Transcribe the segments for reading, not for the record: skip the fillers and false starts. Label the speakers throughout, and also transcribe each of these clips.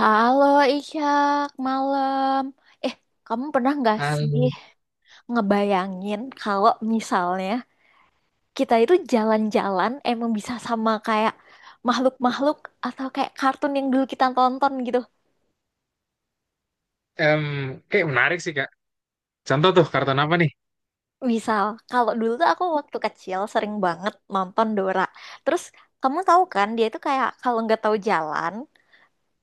Speaker 1: Halo Ishak, malam. Eh, kamu pernah nggak
Speaker 2: Hal,
Speaker 1: sih ngebayangin kalau misalnya kita itu jalan-jalan emang bisa sama kayak makhluk-makhluk atau kayak kartun yang dulu kita tonton gitu?
Speaker 2: em, kayak menarik sih Kak. Contoh tuh karton apa nih?
Speaker 1: Misal, kalau dulu tuh aku waktu kecil sering banget nonton Dora. Terus kamu tahu kan dia itu kayak kalau nggak tahu jalan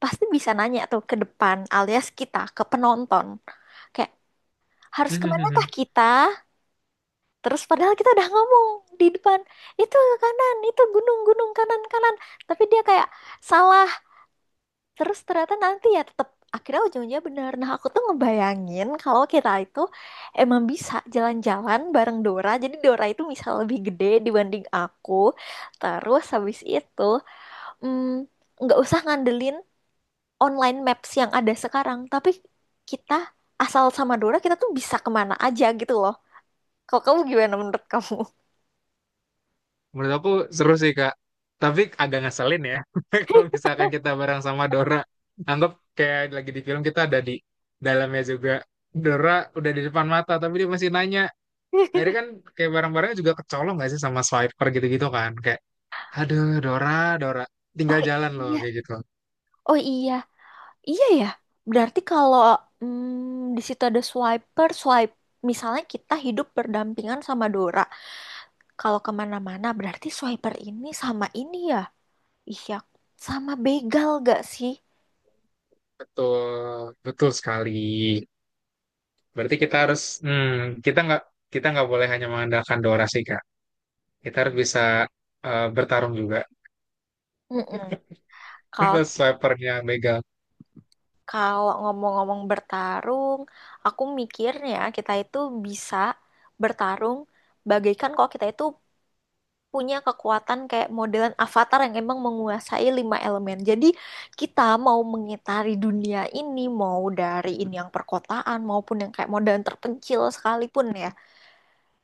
Speaker 1: pasti bisa nanya tuh ke depan alias kita ke penonton. Kayak harus kemana
Speaker 2: Hmm,
Speaker 1: kah kita? Terus padahal kita udah ngomong di depan, itu ke kanan, itu gunung-gunung kanan-kanan. Tapi dia kayak salah. Terus ternyata nanti ya tetap akhirnya ujung-ujungnya benar. Nah, aku tuh ngebayangin kalau kita itu emang bisa jalan-jalan bareng Dora. Jadi Dora itu bisa lebih gede dibanding aku. Terus habis itu mm, nggak usah ngandelin online maps yang ada sekarang, tapi kita asal sama Dora kita tuh bisa kemana aja gitu loh. Kalau kamu gimana menurut kamu?
Speaker 2: Menurut aku seru sih Kak. Tapi agak ngeselin ya. Kalau misalkan kita bareng sama Dora, anggap kayak lagi di film kita ada di dalamnya juga. Dora udah di depan mata, tapi dia masih nanya. Akhirnya kan kayak barang-barangnya juga kecolong gak sih sama swiper gitu-gitu kan? Kayak, aduh Dora, Dora,
Speaker 1: Oh
Speaker 2: tinggal jalan loh
Speaker 1: iya,
Speaker 2: kayak gitu.
Speaker 1: oh iya, iya ya. Berarti kalau di situ ada swiper, swipe. Misalnya kita hidup berdampingan sama Dora. Kalau kemana-mana, berarti swiper ini sama ini ya. Iya, sama begal gak sih?
Speaker 2: Betul, betul sekali. Berarti kita harus, kita nggak kita nggak boleh hanya mengandalkan Dora sih Kak. Kita harus bisa bertarung juga.
Speaker 1: Mm-mm. Kalau
Speaker 2: Terus swipernya begal.
Speaker 1: kalau ngomong-ngomong bertarung, aku mikirnya kita itu bisa bertarung bagaikan kalau kita itu punya kekuatan kayak modelan avatar yang emang menguasai lima elemen. Jadi kita mau mengitari dunia ini, mau dari ini yang perkotaan maupun yang kayak modelan terpencil sekalipun ya,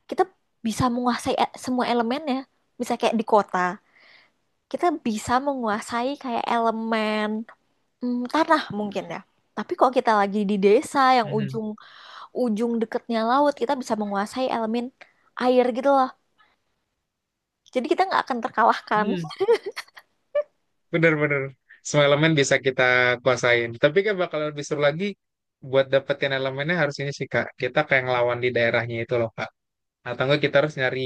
Speaker 1: kita bisa menguasai semua elemennya. Bisa kayak di kota, kita bisa menguasai kayak elemen tanah mungkin ya. Tapi kalau kita lagi di desa yang
Speaker 2: Hmm.
Speaker 1: ujung-ujung deketnya laut, kita bisa menguasai elemen air gitu loh. Jadi kita nggak akan terkalahkan.
Speaker 2: Hmm. Bener-bener. Semua elemen bisa kita kuasain. Tapi kan bakal lebih seru lagi buat dapetin elemennya harus ini sih Kak. Kita kayak ngelawan di daerahnya itu loh Kak. Atau enggak kita harus nyari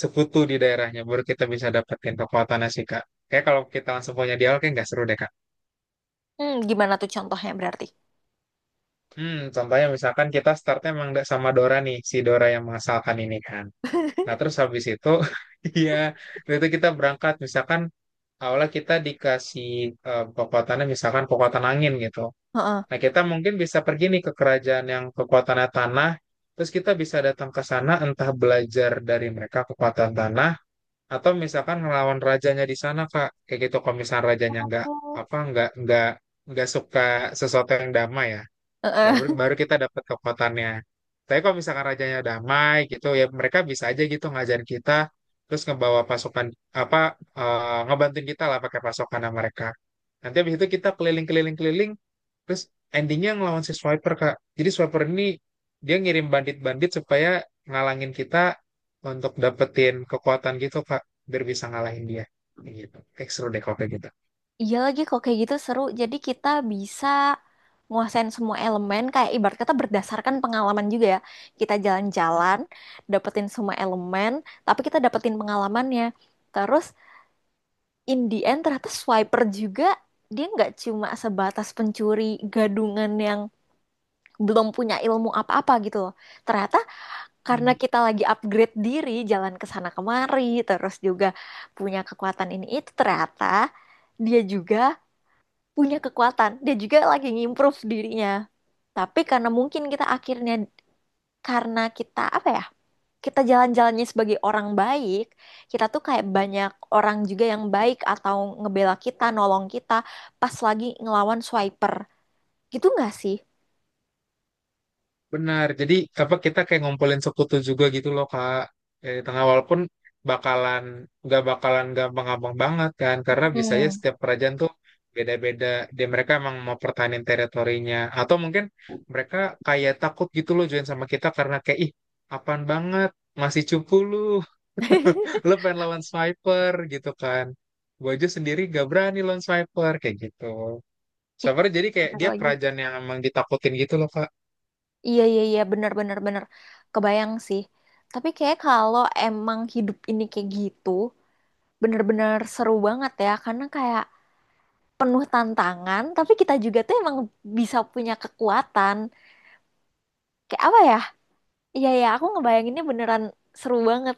Speaker 2: sekutu di daerahnya baru kita bisa dapetin kekuatannya sih Kak. Kayak kalau kita langsung punya dialog kayak nggak seru deh Kak.
Speaker 1: Gimana tuh contohnya berarti?
Speaker 2: Contohnya misalkan kita startnya emang nggak sama Dora nih, si Dora yang mengasalkan ini kan. Nah terus habis itu, iya, waktu itu kita berangkat. Misalkan awalnya kita dikasih kekuatannya misalkan kekuatan angin gitu.
Speaker 1: Heeh.
Speaker 2: Nah kita mungkin bisa pergi nih ke kerajaan yang kekuatannya tanah. Terus kita bisa datang ke sana entah belajar dari mereka kekuatan tanah atau misalkan ngelawan rajanya di sana Kak. Kayak gitu kalau misalnya rajanya nggak
Speaker 1: Oh,
Speaker 2: apa nggak suka sesuatu yang damai ya. Ya,
Speaker 1: heeh.
Speaker 2: baru baru kita dapat kekuatannya. Tapi kalau misalkan rajanya damai gitu ya mereka bisa aja gitu ngajarin kita terus ngebawa pasukan apa ngebantuin kita lah pakai pasukan mereka. Nanti habis itu kita keliling-keliling-keliling terus endingnya ngelawan si Swiper Kak. Jadi Swiper ini dia ngirim bandit-bandit supaya ngalangin kita untuk dapetin kekuatan gitu Kak biar bisa ngalahin dia. Kayak gitu. Kayak seru deh kalau kayak
Speaker 1: Iya lagi kok kayak gitu seru. Jadi kita bisa nguasain semua elemen kayak ibarat kata berdasarkan pengalaman juga ya. Kita jalan-jalan, dapetin semua elemen, tapi kita dapetin pengalamannya. Terus in the end ternyata swiper juga dia nggak cuma sebatas pencuri gadungan yang belum punya ilmu apa-apa gitu loh. Ternyata karena
Speaker 2: gitu.
Speaker 1: kita lagi upgrade diri, jalan ke sana kemari, terus juga punya kekuatan ini itu ternyata dia juga punya kekuatan, dia juga lagi ngimprove dirinya. Tapi karena mungkin kita akhirnya karena kita apa ya? Kita jalan-jalannya sebagai orang baik, kita tuh kayak banyak orang juga yang baik atau ngebela kita, nolong kita pas lagi ngelawan swiper. Gitu nggak sih?
Speaker 2: Benar. Jadi apa kita kayak ngumpulin sekutu juga gitu loh Kak. Di tengah walaupun bakalan nggak bakalan gampang-gampang banget kan karena biasanya
Speaker 1: Hmm.
Speaker 2: setiap kerajaan tuh beda-beda. Mereka emang mau pertahanin teritorinya atau mungkin mereka kayak takut gitu loh join sama kita karena kayak ih, apaan banget, masih cupu lu. Lu pengen lawan sniper gitu kan. Gue aja sendiri gak berani lawan sniper kayak gitu.
Speaker 1: Ih,
Speaker 2: Sniper jadi kayak
Speaker 1: bener
Speaker 2: dia
Speaker 1: lagi.
Speaker 2: kerajaan yang emang ditakutin gitu loh.
Speaker 1: Iya, iya, iya, bener, bener, bener, kebayang sih. Tapi kayak kalau emang hidup ini kayak gitu bener-bener seru banget ya karena kayak penuh tantangan tapi kita juga tuh emang bisa punya kekuatan. Kayak apa ya? Iya, iya, aku ngebayanginnya beneran seru banget.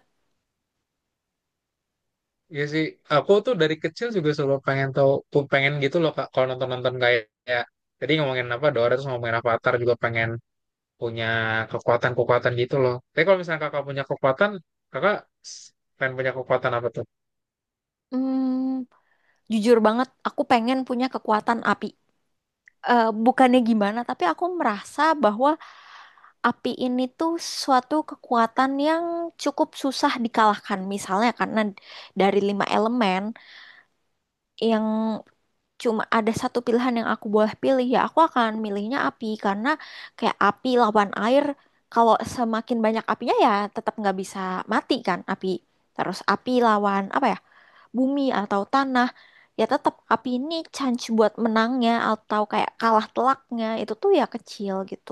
Speaker 2: Iya sih, aku tuh dari kecil juga selalu pengen tahu, tuh pengen gitu loh Kak. Kalau nonton-nonton kayak, tadi ngomongin apa Dora terus ngomongin Avatar juga pengen punya kekuatan-kekuatan gitu loh. Tapi kalau misalnya Kakak punya kekuatan, Kakak s- pengen punya kekuatan apa tuh?
Speaker 1: Hmm, jujur banget aku pengen punya kekuatan api. Eh, bukannya gimana tapi aku merasa bahwa api ini tuh suatu kekuatan yang cukup susah dikalahkan. Misalnya karena dari lima elemen yang cuma ada satu pilihan yang aku boleh pilih ya aku akan milihnya api karena kayak api lawan air kalau semakin banyak apinya ya tetap nggak bisa mati kan api, terus api lawan apa ya, bumi atau tanah, ya tetap api ini chance buat menangnya atau kayak kalah telaknya itu tuh ya kecil gitu.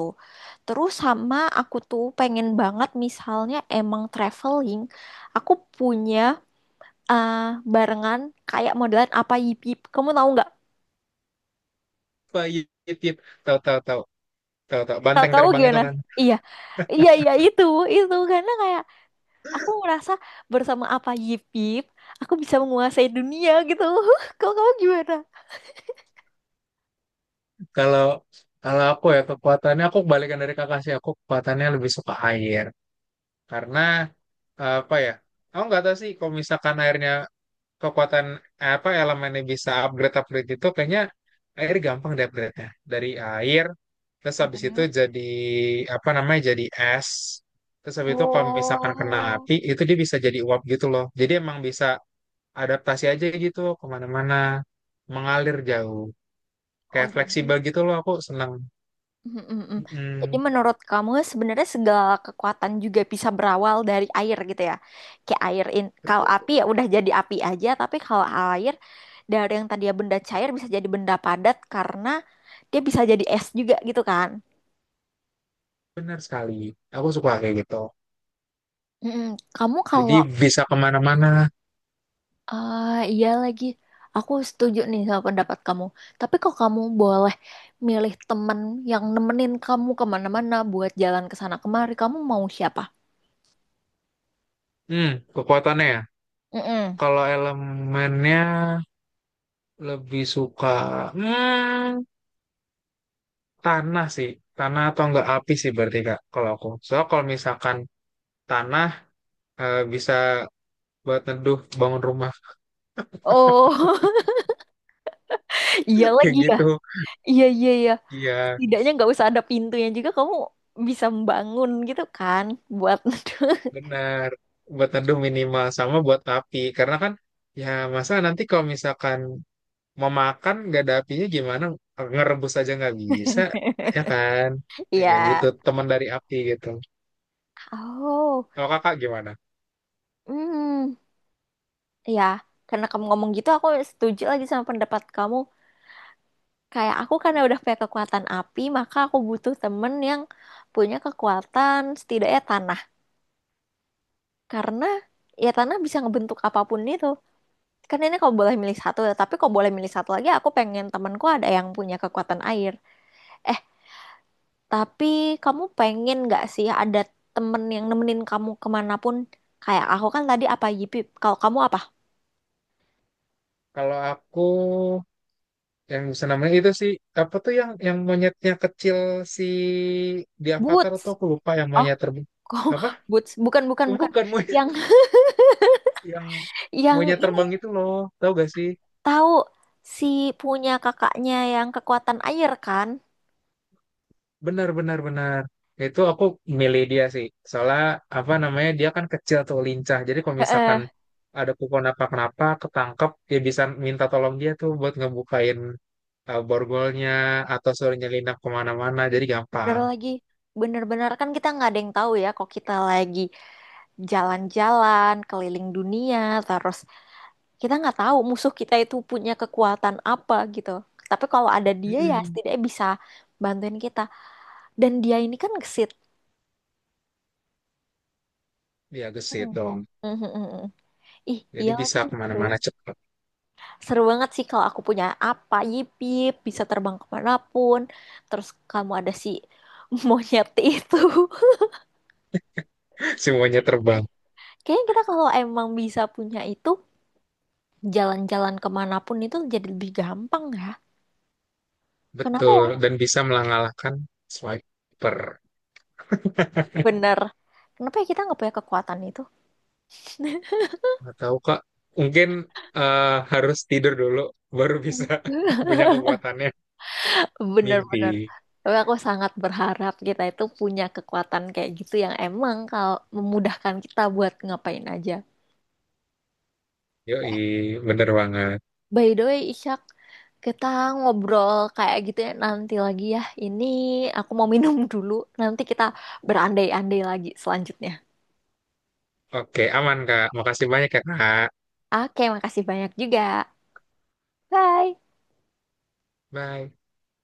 Speaker 1: Terus sama aku tuh pengen banget misalnya emang traveling aku punya eh, barengan kayak modelan apa yip yip, kamu tahu nggak?
Speaker 2: Pahit, tahu tahu tahu tahu tahu
Speaker 1: Kalau
Speaker 2: banteng
Speaker 1: kamu
Speaker 2: terbang itu
Speaker 1: gimana?
Speaker 2: kan.
Speaker 1: Iya, iya, iya itu, karena kayak aku merasa bersama apa Yip Yip, aku bisa menguasai dunia gitu. Kalau kamu gimana?
Speaker 2: Kalau kalau aku ya kekuatannya aku kebalikan dari Kakak sih. Aku kekuatannya lebih suka air karena apa ya? Aku nggak tahu sih kalau misalkan airnya kekuatan apa elemennya bisa upgrade upgrade itu kayaknya air gampang deh upgrade-nya. Dari air terus habis itu
Speaker 1: Mm-mm.
Speaker 2: jadi apa namanya, jadi es. Terus habis itu kalau misalkan kena
Speaker 1: Oh,
Speaker 2: api itu dia bisa jadi uap gitu loh. Jadi emang bisa adaptasi aja gitu kemana-mana, mengalir jauh,
Speaker 1: oh,
Speaker 2: kayak
Speaker 1: jadi,
Speaker 2: fleksibel gitu loh, aku senang.
Speaker 1: mm-mm-mm. Jadi
Speaker 2: Mm,
Speaker 1: menurut kamu sebenarnya segala kekuatan juga bisa berawal dari air gitu ya? Kayak air in, kalau
Speaker 2: Betul,
Speaker 1: api ya udah jadi api aja, tapi kalau air dari yang tadi ya benda cair bisa jadi benda padat karena dia bisa jadi es juga gitu kan?
Speaker 2: benar sekali, aku suka kayak gitu,
Speaker 1: Mm-mm. Kamu kalau
Speaker 2: jadi bisa kemana-mana.
Speaker 1: ah, iya lagi. Aku setuju nih sama pendapat kamu. Tapi kalau kamu boleh milih temen yang nemenin kamu kemana-mana buat jalan ke sana kemari, kamu mau siapa?
Speaker 2: hmm Kekuatannya ya,
Speaker 1: Mm-mm.
Speaker 2: kalau elemennya lebih suka hmm, tanah sih. Tanah atau enggak api sih berarti Kak kalau aku. Soalnya kalau misalkan tanah bisa buat neduh bangun rumah
Speaker 1: Oh, iya
Speaker 2: kayak
Speaker 1: lagi ya.
Speaker 2: gitu.
Speaker 1: Iya, iya, iya.
Speaker 2: Iya,
Speaker 1: Setidaknya nggak usah ada pintunya juga kamu bisa membangun gitu kan buat
Speaker 2: benar. Buat neduh minimal sama buat api karena kan ya masa nanti kalau misalkan mau makan nggak ada apinya gimana, ngerebus aja nggak bisa ya kan. Oke,
Speaker 1: iya.
Speaker 2: butuh teman dari api gitu.
Speaker 1: Oh,
Speaker 2: Kalau Kakak gimana?
Speaker 1: hmm, ya. Karena kamu ngomong gitu, aku setuju lagi sama pendapat kamu. Kayak aku karena udah punya kekuatan api, maka aku butuh temen yang punya kekuatan setidaknya tanah. Karena ya tanah bisa ngebentuk apapun itu. Kan ini kau boleh milih satu, ya, tapi kau boleh milih satu lagi, aku pengen temenku ada yang punya kekuatan air. Eh, tapi kamu pengen nggak sih ada temen yang nemenin kamu kemanapun? Kayak aku kan tadi apa Yipip, kalau kamu apa?
Speaker 2: Kalau aku yang senamnya itu sih, apa tuh, yang monyetnya kecil, si di Avatar
Speaker 1: Boots.
Speaker 2: tuh aku lupa, yang
Speaker 1: Oh,
Speaker 2: monyet terbang
Speaker 1: kok
Speaker 2: apa,
Speaker 1: boots? Bukan, bukan, bukan.
Speaker 2: bukan monyet,
Speaker 1: Yang
Speaker 2: yang
Speaker 1: yang
Speaker 2: monyet terbang itu loh, tau gak sih?
Speaker 1: tahu si punya kakaknya yang kekuatan air kan?
Speaker 2: Benar benar benar, itu aku milih dia sih. Soalnya apa namanya, dia kan kecil tuh lincah, jadi kalau misalkan
Speaker 1: Heeh.
Speaker 2: ada kupon apa kenapa ketangkep dia bisa minta tolong dia tuh buat ngebukain borgolnya atau suruh nyelinap kemana-mana, jadi
Speaker 1: Bener
Speaker 2: gampang.
Speaker 1: lagi, bener-bener kan kita nggak ada yang tahu ya kok kita lagi jalan-jalan keliling dunia, terus kita nggak tahu musuh kita itu punya kekuatan apa gitu. Tapi kalau ada dia ya
Speaker 2: mm
Speaker 1: setidaknya bisa bantuin kita. Dan dia ini kan gesit.
Speaker 2: Dia
Speaker 1: Hmm.
Speaker 2: gesit dong.
Speaker 1: Mhm, mhm, mhm. Ih,
Speaker 2: Jadi
Speaker 1: iya lagi
Speaker 2: bisa
Speaker 1: seru.
Speaker 2: kemana-mana cepat.
Speaker 1: Seru banget sih kalau aku punya apa, yip yip, bisa terbang kemanapun. Terus kamu ada si monyet itu.
Speaker 2: Semuanya terbang.
Speaker 1: Kayaknya kita kalau emang bisa punya itu, jalan-jalan kemanapun itu jadi lebih gampang ya. Kenapa
Speaker 2: Betul.
Speaker 1: ya?
Speaker 2: Dan bisa mengalahkan swiper.
Speaker 1: Bener. Kenapa ya kita nggak punya kekuatan itu?
Speaker 2: Nggak tahu, Kak. Mungkin harus tidur dulu. Baru bisa
Speaker 1: Hmm.
Speaker 2: punya kekuatannya.
Speaker 1: Bener-bener.
Speaker 2: Mimpi.
Speaker 1: Tapi aku sangat berharap kita itu punya kekuatan kayak gitu yang emang kalau memudahkan kita buat ngapain aja.
Speaker 2: Yoi. Bener banget.
Speaker 1: By the way, Ishak, kita ngobrol kayak gitu ya nanti lagi ya. Ini aku mau minum dulu. Nanti kita berandai-andai lagi selanjutnya.
Speaker 2: Oke, aman, Kak. Makasih banyak ya, Kak.
Speaker 1: Oke, makasih banyak juga. Bye.
Speaker 2: Bye.